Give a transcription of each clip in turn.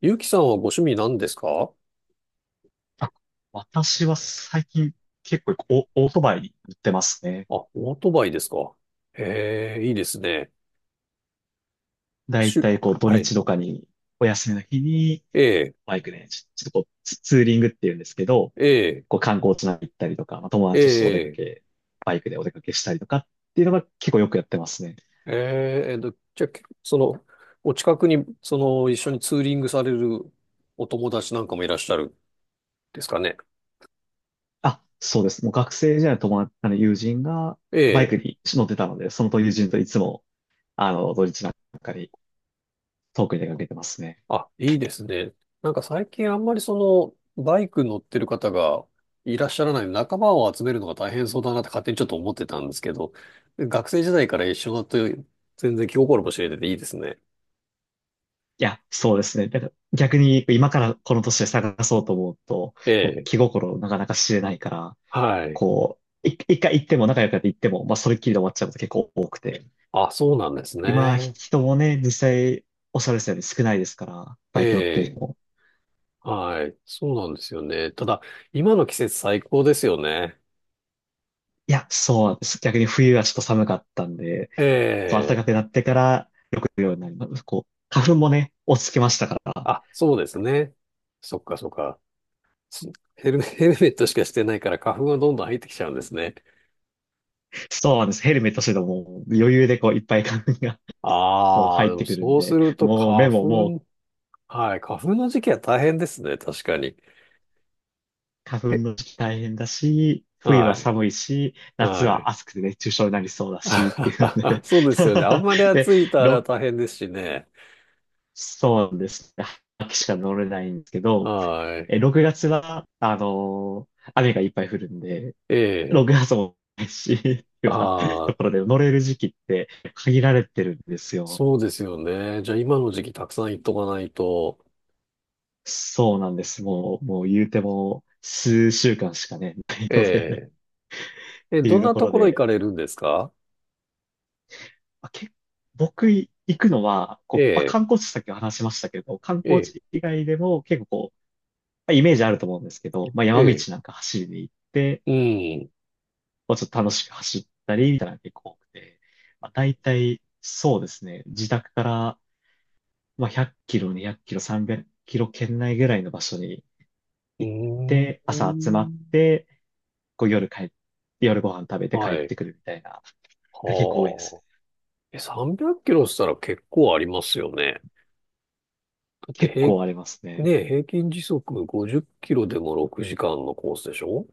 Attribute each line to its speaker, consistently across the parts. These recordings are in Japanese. Speaker 1: ゆうきさんはご趣味何ですかあ？
Speaker 2: あ私は最近結構オートバイに乗ってますね。
Speaker 1: オートバイですか？へえ、いいですね。
Speaker 2: だ
Speaker 1: し
Speaker 2: い
Speaker 1: ゅ、
Speaker 2: たいこう土
Speaker 1: はい。
Speaker 2: 日とかに、お休みの日に、
Speaker 1: ええ。
Speaker 2: バイクで、ちょっとこうツーリングっていうんですけど、
Speaker 1: ええ。
Speaker 2: こう観光地なんか行ったりとか、まあ、友
Speaker 1: え
Speaker 2: 達とちょっとお出か
Speaker 1: え。
Speaker 2: け、バイクでお出かけしたりとかっていうのが結構よくやってますね。
Speaker 1: えじゃあ、その、お近くに、一緒にツーリングされるお友達なんかもいらっしゃるんですかね？
Speaker 2: あ、そうです。もう学生時代の友達、あの友人が
Speaker 1: え
Speaker 2: バイ
Speaker 1: え。
Speaker 2: クに乗ってたので、その友人といつも、あの、土日なんかに遠くに出かけてますね。
Speaker 1: あ、いいですね。なんか最近あんまりバイク乗ってる方がいらっしゃらない、仲間を集めるのが大変そうだなって勝手にちょっと思ってたんですけど、学生時代から一緒だと全然気心も知れてていいですね。
Speaker 2: いや、そうですね。だから逆に今からこの年で探そうと思うと、
Speaker 1: え
Speaker 2: こう
Speaker 1: え、
Speaker 2: 気心なかなか知れないから、
Speaker 1: はい。
Speaker 2: こう、一回行っても仲良くなって行っても、まあそれっきりで終わっちゃうこと結構多くて。
Speaker 1: あ、そうなんです
Speaker 2: 今、
Speaker 1: ね。
Speaker 2: 人もね、実際おっしゃられたように少ないですから、
Speaker 1: え
Speaker 2: バイク乗ってる
Speaker 1: え、
Speaker 2: 人も。
Speaker 1: はい。そうなんですよね。ただ、今の季節最高ですよね。
Speaker 2: いや、そうなんです。逆に冬はちょっと寒かったんで、
Speaker 1: え
Speaker 2: こう暖か
Speaker 1: え、
Speaker 2: くなってからよく行くようになります。こう、花粉もね、落ち着きましたから、
Speaker 1: あ、そうですね。そっかそっか。すヘルメ、ヘルメットしかしてないから花粉がどんどん入ってきちゃうんですね。
Speaker 2: そうなんです。ヘルメットしててももう余裕でこういっぱい花粉がもう
Speaker 1: ああ、
Speaker 2: 入
Speaker 1: で
Speaker 2: っ
Speaker 1: も
Speaker 2: てくるん
Speaker 1: そうす
Speaker 2: で、
Speaker 1: ると
Speaker 2: もう目ももう
Speaker 1: はい、花粉の時期は大変ですね、確かに。
Speaker 2: 花
Speaker 1: え、
Speaker 2: 粉の時期大変だし、冬は
Speaker 1: はい、
Speaker 2: 寒いし、夏
Speaker 1: は
Speaker 2: は
Speaker 1: い。
Speaker 2: 暑くて熱中症になりそうだし、っていうの で
Speaker 1: そうですよね。あんまり
Speaker 2: で、
Speaker 1: 暑いとあれは
Speaker 2: 6、
Speaker 1: 大変ですしね。
Speaker 2: そうなんですね。秋しか乗れないんですけど、
Speaker 1: はい。
Speaker 2: え、6月は、雨がいっぱい降るんで、
Speaker 1: ええ。
Speaker 2: 6月もないし、っていうような
Speaker 1: あ
Speaker 2: と
Speaker 1: あ、
Speaker 2: ころで乗れる時期って限られてるんですよ。
Speaker 1: そうですよね。じゃあ今の時期たくさん行っとかないと。
Speaker 2: そうなんです。もう、もう言うても数週間しかね、ないのでねっ
Speaker 1: ええ。
Speaker 2: て
Speaker 1: ど
Speaker 2: いう
Speaker 1: ん
Speaker 2: と
Speaker 1: な
Speaker 2: こ
Speaker 1: と
Speaker 2: ろ
Speaker 1: ころ行
Speaker 2: で、
Speaker 1: かれるんですか？
Speaker 2: まあ、僕行くのは、こ
Speaker 1: え
Speaker 2: う、まあ、
Speaker 1: え。
Speaker 2: 観光地さっき話しましたけど、観
Speaker 1: え
Speaker 2: 光
Speaker 1: え。
Speaker 2: 地以外でも結構こう、まあ、イメージあると思うんですけど、まあ、
Speaker 1: え
Speaker 2: 山道
Speaker 1: え。
Speaker 2: なんか走りに行って、
Speaker 1: うん。
Speaker 2: こうちょっと楽しく走ったりみたいなのが結構多くて、まあ、大体そうですね、自宅から、まあ、100キロ、200キロ、300キロ圏内ぐらいの場所に
Speaker 1: う
Speaker 2: 行っ
Speaker 1: ー
Speaker 2: て、朝集まっ
Speaker 1: ん。
Speaker 2: て、こう夜帰って、夜ご飯食べて帰
Speaker 1: は
Speaker 2: っ
Speaker 1: い。
Speaker 2: てくるみたいな、が結構多いで
Speaker 1: は
Speaker 2: す。
Speaker 1: あ。300キロしたら結構ありますよね。だって
Speaker 2: 結構ありますね。
Speaker 1: ね、平均時速50キロでも6時間のコースでしょ？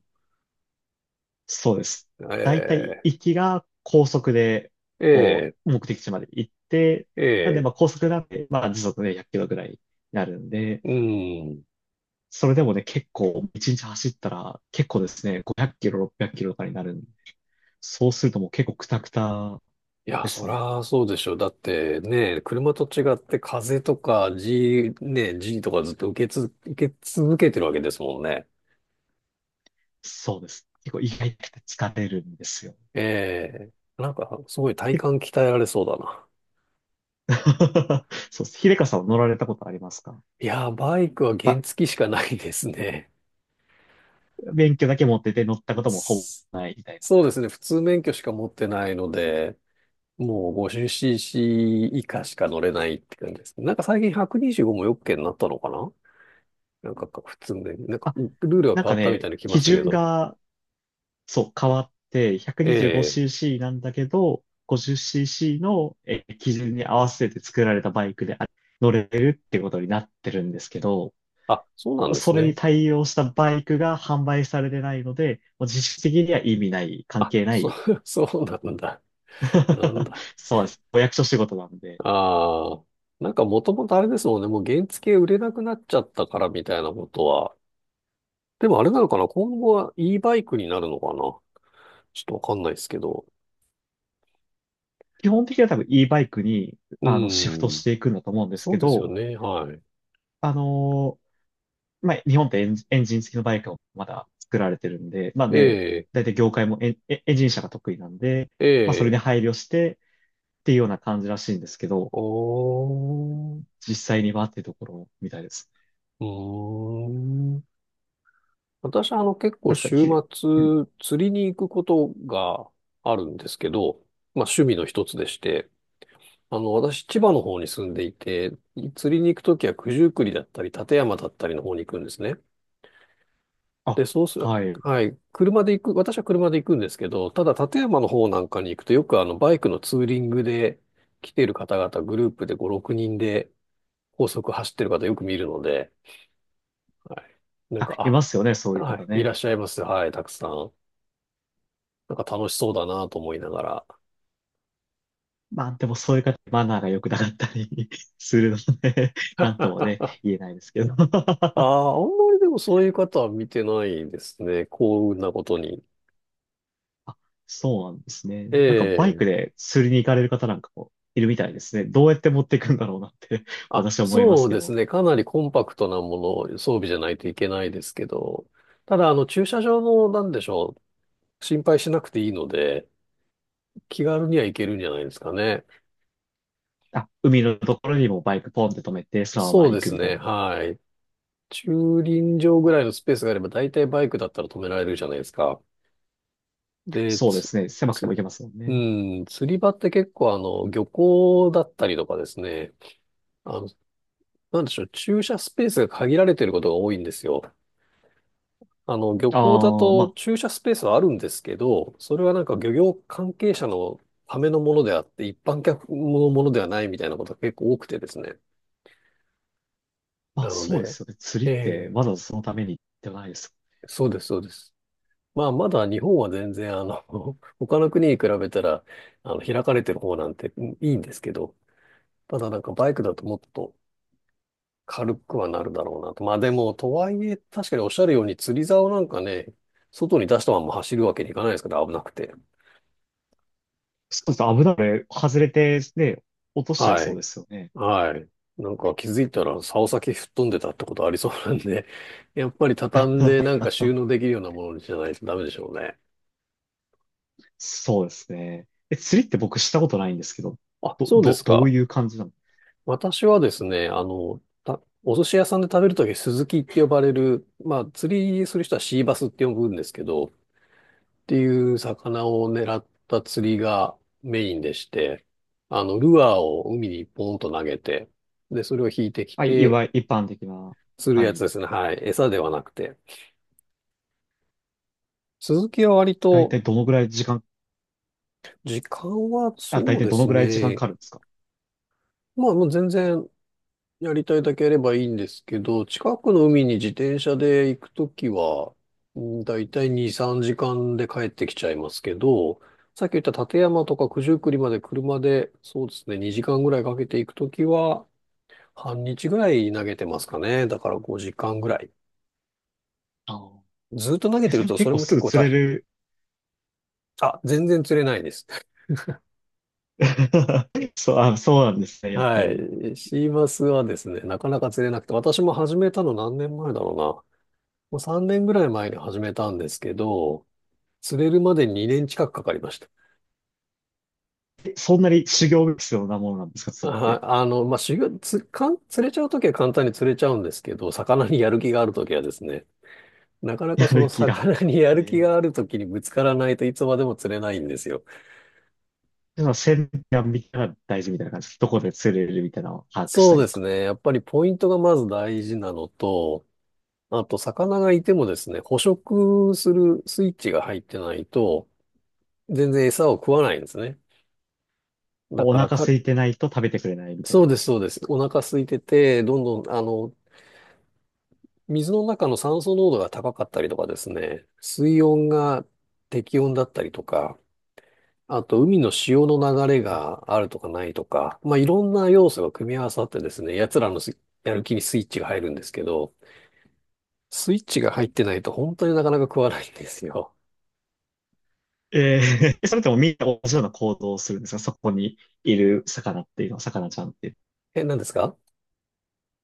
Speaker 2: そうです。だいたい
Speaker 1: え
Speaker 2: 行きが高速で、こ
Speaker 1: えええ
Speaker 2: う、目的地まで行って、なんで、
Speaker 1: ええ。
Speaker 2: まあ高速なんで、まあ時速ね、100キロぐらいになるんで、
Speaker 1: うん。
Speaker 2: それでもね、結構、1日走ったら、結構ですね、500キロ、600キロとかになるんで、そうするともう結構クタクタ
Speaker 1: いや、
Speaker 2: で
Speaker 1: そ
Speaker 2: すね。
Speaker 1: らそうでしょ。だってね、車と違って風とか G、ね、G とかずっと受け続けてるわけですもんね。
Speaker 2: そうです。結構意外と疲れるんですよ。
Speaker 1: ええ。なんか、すごい体
Speaker 2: え
Speaker 1: 幹鍛えられそうだな。
Speaker 2: そうです。秀香さんは乗られたことありますか？
Speaker 1: いや、バイクは
Speaker 2: ま
Speaker 1: 原
Speaker 2: あ、
Speaker 1: 付しかないですね。
Speaker 2: 免許だけ持ってて乗ったこともほぼないみたいな。
Speaker 1: そうですね。普通免許しか持ってないので、もう 50cc 以下しか乗れないって感じですね。なんか最近125もよっけになったのかな。なんかか普通免許、なんか
Speaker 2: あ、
Speaker 1: ルールが
Speaker 2: なん
Speaker 1: 変
Speaker 2: か
Speaker 1: わったみ
Speaker 2: ね、
Speaker 1: たいに来ま
Speaker 2: 基
Speaker 1: したけ
Speaker 2: 準
Speaker 1: ど。
Speaker 2: がそう、変わって
Speaker 1: ええ。
Speaker 2: 125cc なんだけど、50cc の基準に合わせて作られたバイクで乗れるってことになってるんですけど、
Speaker 1: あ、そうなんです
Speaker 2: それに
Speaker 1: ね。
Speaker 2: 対応したバイクが販売されてないので、もう実質的には意味ない、関
Speaker 1: あ、
Speaker 2: 係な
Speaker 1: そ
Speaker 2: い。
Speaker 1: う、そうなんだ。なん だ。
Speaker 2: そうです。お役所仕事なんで。
Speaker 1: ああ。なんかもともとあれですもんね。もう原付売れなくなっちゃったからみたいなことは。でもあれなのかな今後は e バイクになるのかな。ちょっとわかんないですけど。
Speaker 2: 基本的には多分 e バイクに
Speaker 1: う
Speaker 2: あのシフト
Speaker 1: ん。
Speaker 2: していくんだと思うんです
Speaker 1: そ
Speaker 2: け
Speaker 1: うですよ
Speaker 2: ど、
Speaker 1: ね。はい。
Speaker 2: あのまあ、日本ってエンジン付きのバイクをまだ作られてるんで、まあ
Speaker 1: え
Speaker 2: で、
Speaker 1: え。
Speaker 2: 大体業界もエンジン車が得意なんで、
Speaker 1: え
Speaker 2: まあそれに
Speaker 1: え。
Speaker 2: 配慮してっていうような感じらしいんですけど、
Speaker 1: おー。
Speaker 2: 実際にはっていうところみたいです。
Speaker 1: うーん。私は結構
Speaker 2: あれですか、
Speaker 1: 週
Speaker 2: うん。
Speaker 1: 末釣りに行くことがあるんですけど、まあ趣味の一つでして、私千葉の方に住んでいて、釣りに行くときは九十九里だったり立山だったりの方に行くんですね。
Speaker 2: あ、
Speaker 1: で、そうする、
Speaker 2: はい。
Speaker 1: はい。車で行く、私は車で行くんですけど、ただ立山の方なんかに行くとよくバイクのツーリングで来ている方々グループで5、6人で高速走ってる方よく見るので、はい。なん
Speaker 2: あ、い
Speaker 1: か、
Speaker 2: ますよね、そう
Speaker 1: あ、
Speaker 2: いう
Speaker 1: は
Speaker 2: 方
Speaker 1: い、いら
Speaker 2: ね。
Speaker 1: っしゃいます。はい、たくさん。なんか楽しそうだなと思いながら。
Speaker 2: まあでもそういう方、マナーが良くなかったり するのでなんともね、
Speaker 1: あ
Speaker 2: 言えないですけど
Speaker 1: あ、あんまりでもそういう方は見てないですね。幸運なことに。
Speaker 2: あ、そうなんですね。
Speaker 1: え
Speaker 2: なんかバイ
Speaker 1: え。
Speaker 2: クで釣りに行かれる方なんかもいるみたいですね。どうやって持っていくんだろうなって
Speaker 1: あ、
Speaker 2: 私は思いま
Speaker 1: そ
Speaker 2: す
Speaker 1: う
Speaker 2: け
Speaker 1: です
Speaker 2: ど。
Speaker 1: ね。かなりコンパクトなもの、装備じゃないといけないですけど。ただ、駐車場の、なんでしょう。心配しなくていいので、気軽には行けるんじゃないですかね。
Speaker 2: あ、海のところにもバイクポンって止めて、そのま
Speaker 1: そ
Speaker 2: ま
Speaker 1: う
Speaker 2: 行
Speaker 1: で
Speaker 2: く
Speaker 1: す
Speaker 2: みたい
Speaker 1: ね。
Speaker 2: な。
Speaker 1: はい。駐輪場ぐ
Speaker 2: あ、
Speaker 1: らいのスペースがあれば、大体バイクだったら止められるじゃないですか。で、
Speaker 2: そうですね。狭くて
Speaker 1: つ、
Speaker 2: も行けますもん
Speaker 1: う
Speaker 2: ね。
Speaker 1: ん、釣り場って結構漁港だったりとかですね、あの、なんでしょう、駐車スペースが限られてることが多いんですよ。漁港だ
Speaker 2: ああ、ま
Speaker 1: と
Speaker 2: あ、
Speaker 1: 駐車スペースはあるんですけど、それはなんか漁業関係者のためのものであって、一般客のものではないみたいなことが結構多くてですね。
Speaker 2: ま
Speaker 1: な
Speaker 2: あ
Speaker 1: の
Speaker 2: そうで
Speaker 1: で、
Speaker 2: すよね。釣
Speaker 1: え
Speaker 2: りって
Speaker 1: え、
Speaker 2: わざわざそのためにではないです。
Speaker 1: そうです、そうです。まあ、まだ日本は全然、他の国に比べたら、開かれてる方なんて、うん、いいんですけど、ただなんかバイクだともっと軽くはなるだろうなと。まあでも、とはいえ、確かにおっしゃるように釣り竿なんかね、外に出したまま走るわけにいかないですから、危なくて。
Speaker 2: そうです。危ない。外れて、ね、落としちゃい
Speaker 1: は
Speaker 2: そう
Speaker 1: い。
Speaker 2: ですよね。
Speaker 1: はい。なんか気づいたら竿先吹っ飛んでたってことありそうなんで、やっぱり畳んでなんか収 納できるようなものにしないとダメでしょうね。
Speaker 2: そうですね。え、釣りって僕したことないんですけど、
Speaker 1: あ、そうです
Speaker 2: どう
Speaker 1: か。
Speaker 2: いう感じなの？
Speaker 1: 私はですね、お寿司屋さんで食べるとき、スズキって呼ばれる、まあ、釣りする人はシーバスって呼ぶんですけど、っていう魚を狙った釣りがメインでして、ルアーを海にポンと投げて、で、それを引いてき
Speaker 2: はい、い
Speaker 1: て、
Speaker 2: わゆる一般的な。
Speaker 1: 釣る
Speaker 2: は
Speaker 1: やつ
Speaker 2: い。
Speaker 1: ですね。はい。餌ではなくて。スズキは割
Speaker 2: だい
Speaker 1: と、
Speaker 2: たいどのぐらい時間、
Speaker 1: 時間は
Speaker 2: あ、だい
Speaker 1: そう
Speaker 2: たい
Speaker 1: で
Speaker 2: どの
Speaker 1: す
Speaker 2: ぐらい時間か
Speaker 1: ね。
Speaker 2: かるんですか？
Speaker 1: まあ、もう全然やりたいだけやればいいんですけど、近くの海に自転車で行くときは、うん、だいたい2、3時間で帰ってきちゃいますけど、さっき言った立山とか九十九里まで車で、そうですね、2時間ぐらいかけて行くときは、半日ぐらい投げてますかね。だから5時間ぐらい。
Speaker 2: ああ、
Speaker 1: ずっと投げ
Speaker 2: え、
Speaker 1: て
Speaker 2: そ
Speaker 1: る
Speaker 2: れ
Speaker 1: と
Speaker 2: 結
Speaker 1: それ
Speaker 2: 構
Speaker 1: も
Speaker 2: す
Speaker 1: 結
Speaker 2: ぐ
Speaker 1: 構
Speaker 2: 釣
Speaker 1: 大
Speaker 2: れ
Speaker 1: 変。
Speaker 2: る？
Speaker 1: あ、全然釣れないです。
Speaker 2: そう、あ、そうなんですね、やっ
Speaker 1: は
Speaker 2: ぱり。
Speaker 1: い。シーマスはですね、なかなか釣れなくて、私も始めたの何年前だろうな。もう3年ぐらい前に始めたんですけど、釣れるまで2年近くかかりました。
Speaker 2: えそんなに修行が必要なものなんですか、釣りっ
Speaker 1: あ、
Speaker 2: て。
Speaker 1: まあ、修行、つ、かん、釣れちゃうときは簡単に釣れちゃうんですけど、魚にやる気があるときはですね、なか なか
Speaker 2: や
Speaker 1: その
Speaker 2: る気が。
Speaker 1: 魚にやる気
Speaker 2: え
Speaker 1: が
Speaker 2: え。
Speaker 1: あるときにぶつからないといつまでも釣れないんですよ。
Speaker 2: でも、線が見たら大事みたいな感じです。どこで釣れるみたいなのを把握し
Speaker 1: そ
Speaker 2: た
Speaker 1: う
Speaker 2: り
Speaker 1: で
Speaker 2: と
Speaker 1: す
Speaker 2: か。
Speaker 1: ね。やっぱりポイントがまず大事なのと、あと魚がいてもですね、捕食するスイッチが入ってないと、全然餌を食わないんですね。だ
Speaker 2: お
Speaker 1: から
Speaker 2: 腹
Speaker 1: か、
Speaker 2: 空いてないと食べてくれないみたい
Speaker 1: そう
Speaker 2: な。
Speaker 1: です、そうです。お腹空いてて、どんどん、水の中の酸素濃度が高かったりとかですね、水温が適温だったりとか、あと海の潮の流れがあるとかないとか、まあ、いろんな要素が組み合わさってですね、奴らのやる気にスイッチが入るんですけど、スイッチが入ってないと本当になかなか食わないんですよ。
Speaker 2: ええ。それともみんな同じような行動をするんですかそこにいる魚っていうのは、魚ちゃんっていうのは？
Speaker 1: え、何ですか？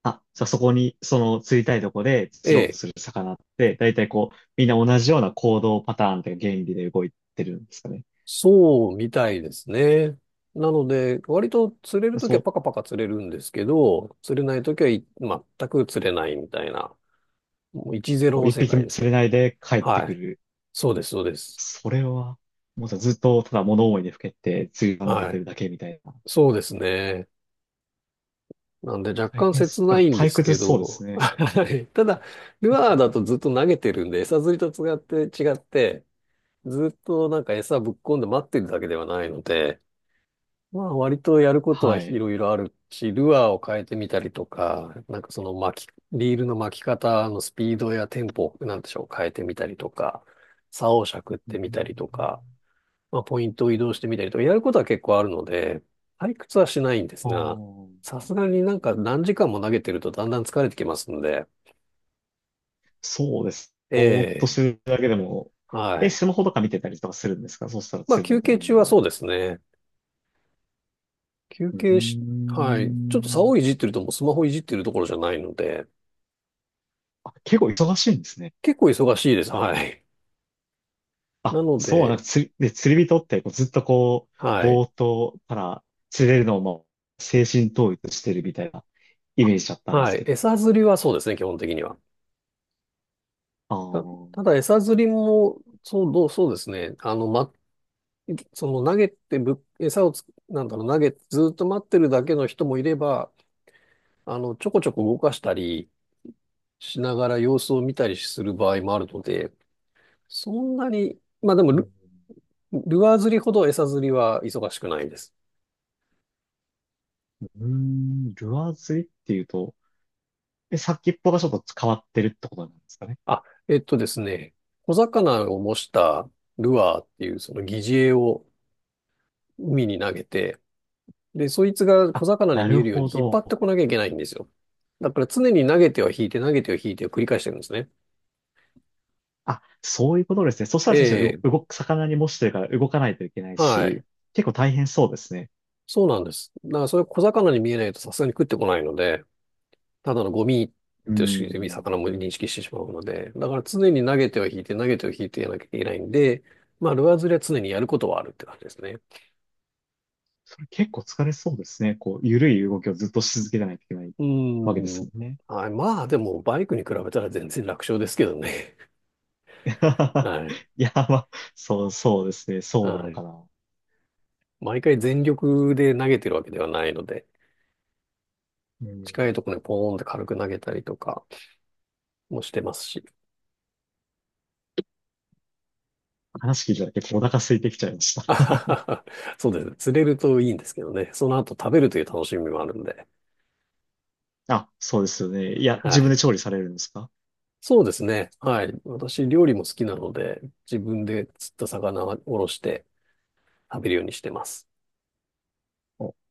Speaker 2: あ、じゃあそこに、その釣りたいとこで
Speaker 1: え
Speaker 2: 釣ろうと
Speaker 1: え、
Speaker 2: する魚って、だいたいこう、みんな同じような行動パターンというか原理で動いてるんですかね？
Speaker 1: そうみたいですね。なので、割と釣れるときは
Speaker 2: そ
Speaker 1: パカパカ釣れるんですけど、釣れないときはい全く釣れないみたいな、もう1-0
Speaker 2: う、
Speaker 1: の
Speaker 2: 一
Speaker 1: 世
Speaker 2: 匹
Speaker 1: 界
Speaker 2: も
Speaker 1: です
Speaker 2: 釣れ
Speaker 1: ね。
Speaker 2: ないで帰って
Speaker 1: は
Speaker 2: く
Speaker 1: い。
Speaker 2: る。
Speaker 1: そうです、そうです。
Speaker 2: それは、もうさ、ずっとただ物思いにふけて釣りが伸び
Speaker 1: は
Speaker 2: て
Speaker 1: い。
Speaker 2: るだけみたいな。
Speaker 1: そうですね。なんで若
Speaker 2: 大
Speaker 1: 干
Speaker 2: 変
Speaker 1: 切
Speaker 2: す、な
Speaker 1: な
Speaker 2: んか
Speaker 1: いんで
Speaker 2: 退
Speaker 1: す
Speaker 2: 屈
Speaker 1: け
Speaker 2: そうです
Speaker 1: ど、
Speaker 2: ね。
Speaker 1: はい。ただ、ルアーだとずっと投げてるんで、餌釣りと違って、ずっとなんか餌ぶっ込んで待ってるだけではないので、まあ割とやることは
Speaker 2: は
Speaker 1: い
Speaker 2: い。
Speaker 1: ろいろあるし、ルアーを変えてみたりとか、なんかその巻き、リールの巻き方のスピードやテンポ、なんでしょう、変えてみたりとか、竿をしゃくっ
Speaker 2: う
Speaker 1: てみたりとか、
Speaker 2: ん、
Speaker 1: まあ、ポイントを移動してみたりとか、やることは結構あるので、退屈はしないんです
Speaker 2: あ
Speaker 1: が、
Speaker 2: ー、
Speaker 1: さすがになんか何時間も投げてるとだんだん疲れてきますので、
Speaker 2: そうです。
Speaker 1: え
Speaker 2: ぼーっとす
Speaker 1: え、
Speaker 2: るだけでも、
Speaker 1: は
Speaker 2: え、
Speaker 1: い。
Speaker 2: スマホとか見てたりとかするんですかそうしたら
Speaker 1: まあ、
Speaker 2: 釣れな
Speaker 1: 休
Speaker 2: いタイ
Speaker 1: 憩
Speaker 2: ミン
Speaker 1: 中
Speaker 2: グ
Speaker 1: は
Speaker 2: は？
Speaker 1: そうですね。休
Speaker 2: うー
Speaker 1: 憩し、はい。ちょっと竿
Speaker 2: ん。
Speaker 1: をいじってるともうスマホいじってるところじゃないので、
Speaker 2: あ、結構忙しいんですね。
Speaker 1: 結構忙しいです。はい。な
Speaker 2: あ、
Speaker 1: の
Speaker 2: そう、なんか
Speaker 1: で、
Speaker 2: 釣り、で、釣り人ってこうずっとこう、
Speaker 1: はい。
Speaker 2: ぼーっとたら釣れるのをもう精神統一してるみたいなイメージだったんで
Speaker 1: は
Speaker 2: す
Speaker 1: い。
Speaker 2: けど。
Speaker 1: 餌釣りはそうですね、基本的には。
Speaker 2: ああ、
Speaker 1: た、
Speaker 2: う
Speaker 1: ただ餌釣りも、そうですね。その投げてぶ、餌をつ、なんだろう、投げてずっと待ってるだけの人もいれば、ちょこちょこ動かしたりしながら様子を見たりする場合もあるので、そんなに、まあでも
Speaker 2: う
Speaker 1: ル、
Speaker 2: ん、
Speaker 1: ルアー釣りほど餌釣りは忙しくないです。
Speaker 2: うーん、ルアー釣りっていうと、え、先っぽがちょっと変わってるってことなんですかね？
Speaker 1: あ、えっとですね、小魚を模したルアーっていうその擬似餌を海に投げて、で、そいつが小
Speaker 2: あ、
Speaker 1: 魚に
Speaker 2: な
Speaker 1: 見
Speaker 2: る
Speaker 1: えるよう
Speaker 2: ほ
Speaker 1: に引っ張
Speaker 2: ど。
Speaker 1: ってこなきゃいけないんですよ。だから常に投げては引いて、投げては引いてを繰り返してるんですね。
Speaker 2: あ、そういうことですね。そした
Speaker 1: え
Speaker 2: ら確かに
Speaker 1: え、
Speaker 2: 動く、魚に模してるから動かないといけない
Speaker 1: はい。
Speaker 2: し、結構大変そうですね。
Speaker 1: そうなんです。だからそれ小魚に見えないとさすがに食ってこないので、ただのゴミ
Speaker 2: うー
Speaker 1: として魚
Speaker 2: ん。
Speaker 1: も認識してしまうので、だから常に投げては引いて投げては引いてやらなきゃいけないんで、まあルアー釣りは常にやることはあるって感じですね。
Speaker 2: それ結構疲れそうですね。こう、ゆるい動きをずっとし続けてないといけない
Speaker 1: う
Speaker 2: わけで
Speaker 1: ー
Speaker 2: す
Speaker 1: ん。
Speaker 2: もんね。
Speaker 1: はい。まあでもバイクに比べたら全然楽勝ですけどね。はい。
Speaker 2: いや、まあ、そう、そうですね。そうな
Speaker 1: は
Speaker 2: の
Speaker 1: い。
Speaker 2: かな。
Speaker 1: 毎回全力で投げてるわけではないので、
Speaker 2: う
Speaker 1: 近い
Speaker 2: ん。
Speaker 1: ところにポーンって軽く投げたりとかもしてますし。
Speaker 2: 話聞いただけでお腹空いてきちゃいました。
Speaker 1: あははは。そうですね。釣れるといいんですけどね。その後食べるという楽しみもあるんで。
Speaker 2: あ、そうですよね。いや、
Speaker 1: は
Speaker 2: 自分
Speaker 1: い。
Speaker 2: で調理されるんですか？
Speaker 1: そうですね。はい。私、料理も好きなので、自分で釣った魚をおろして食べるようにしてます。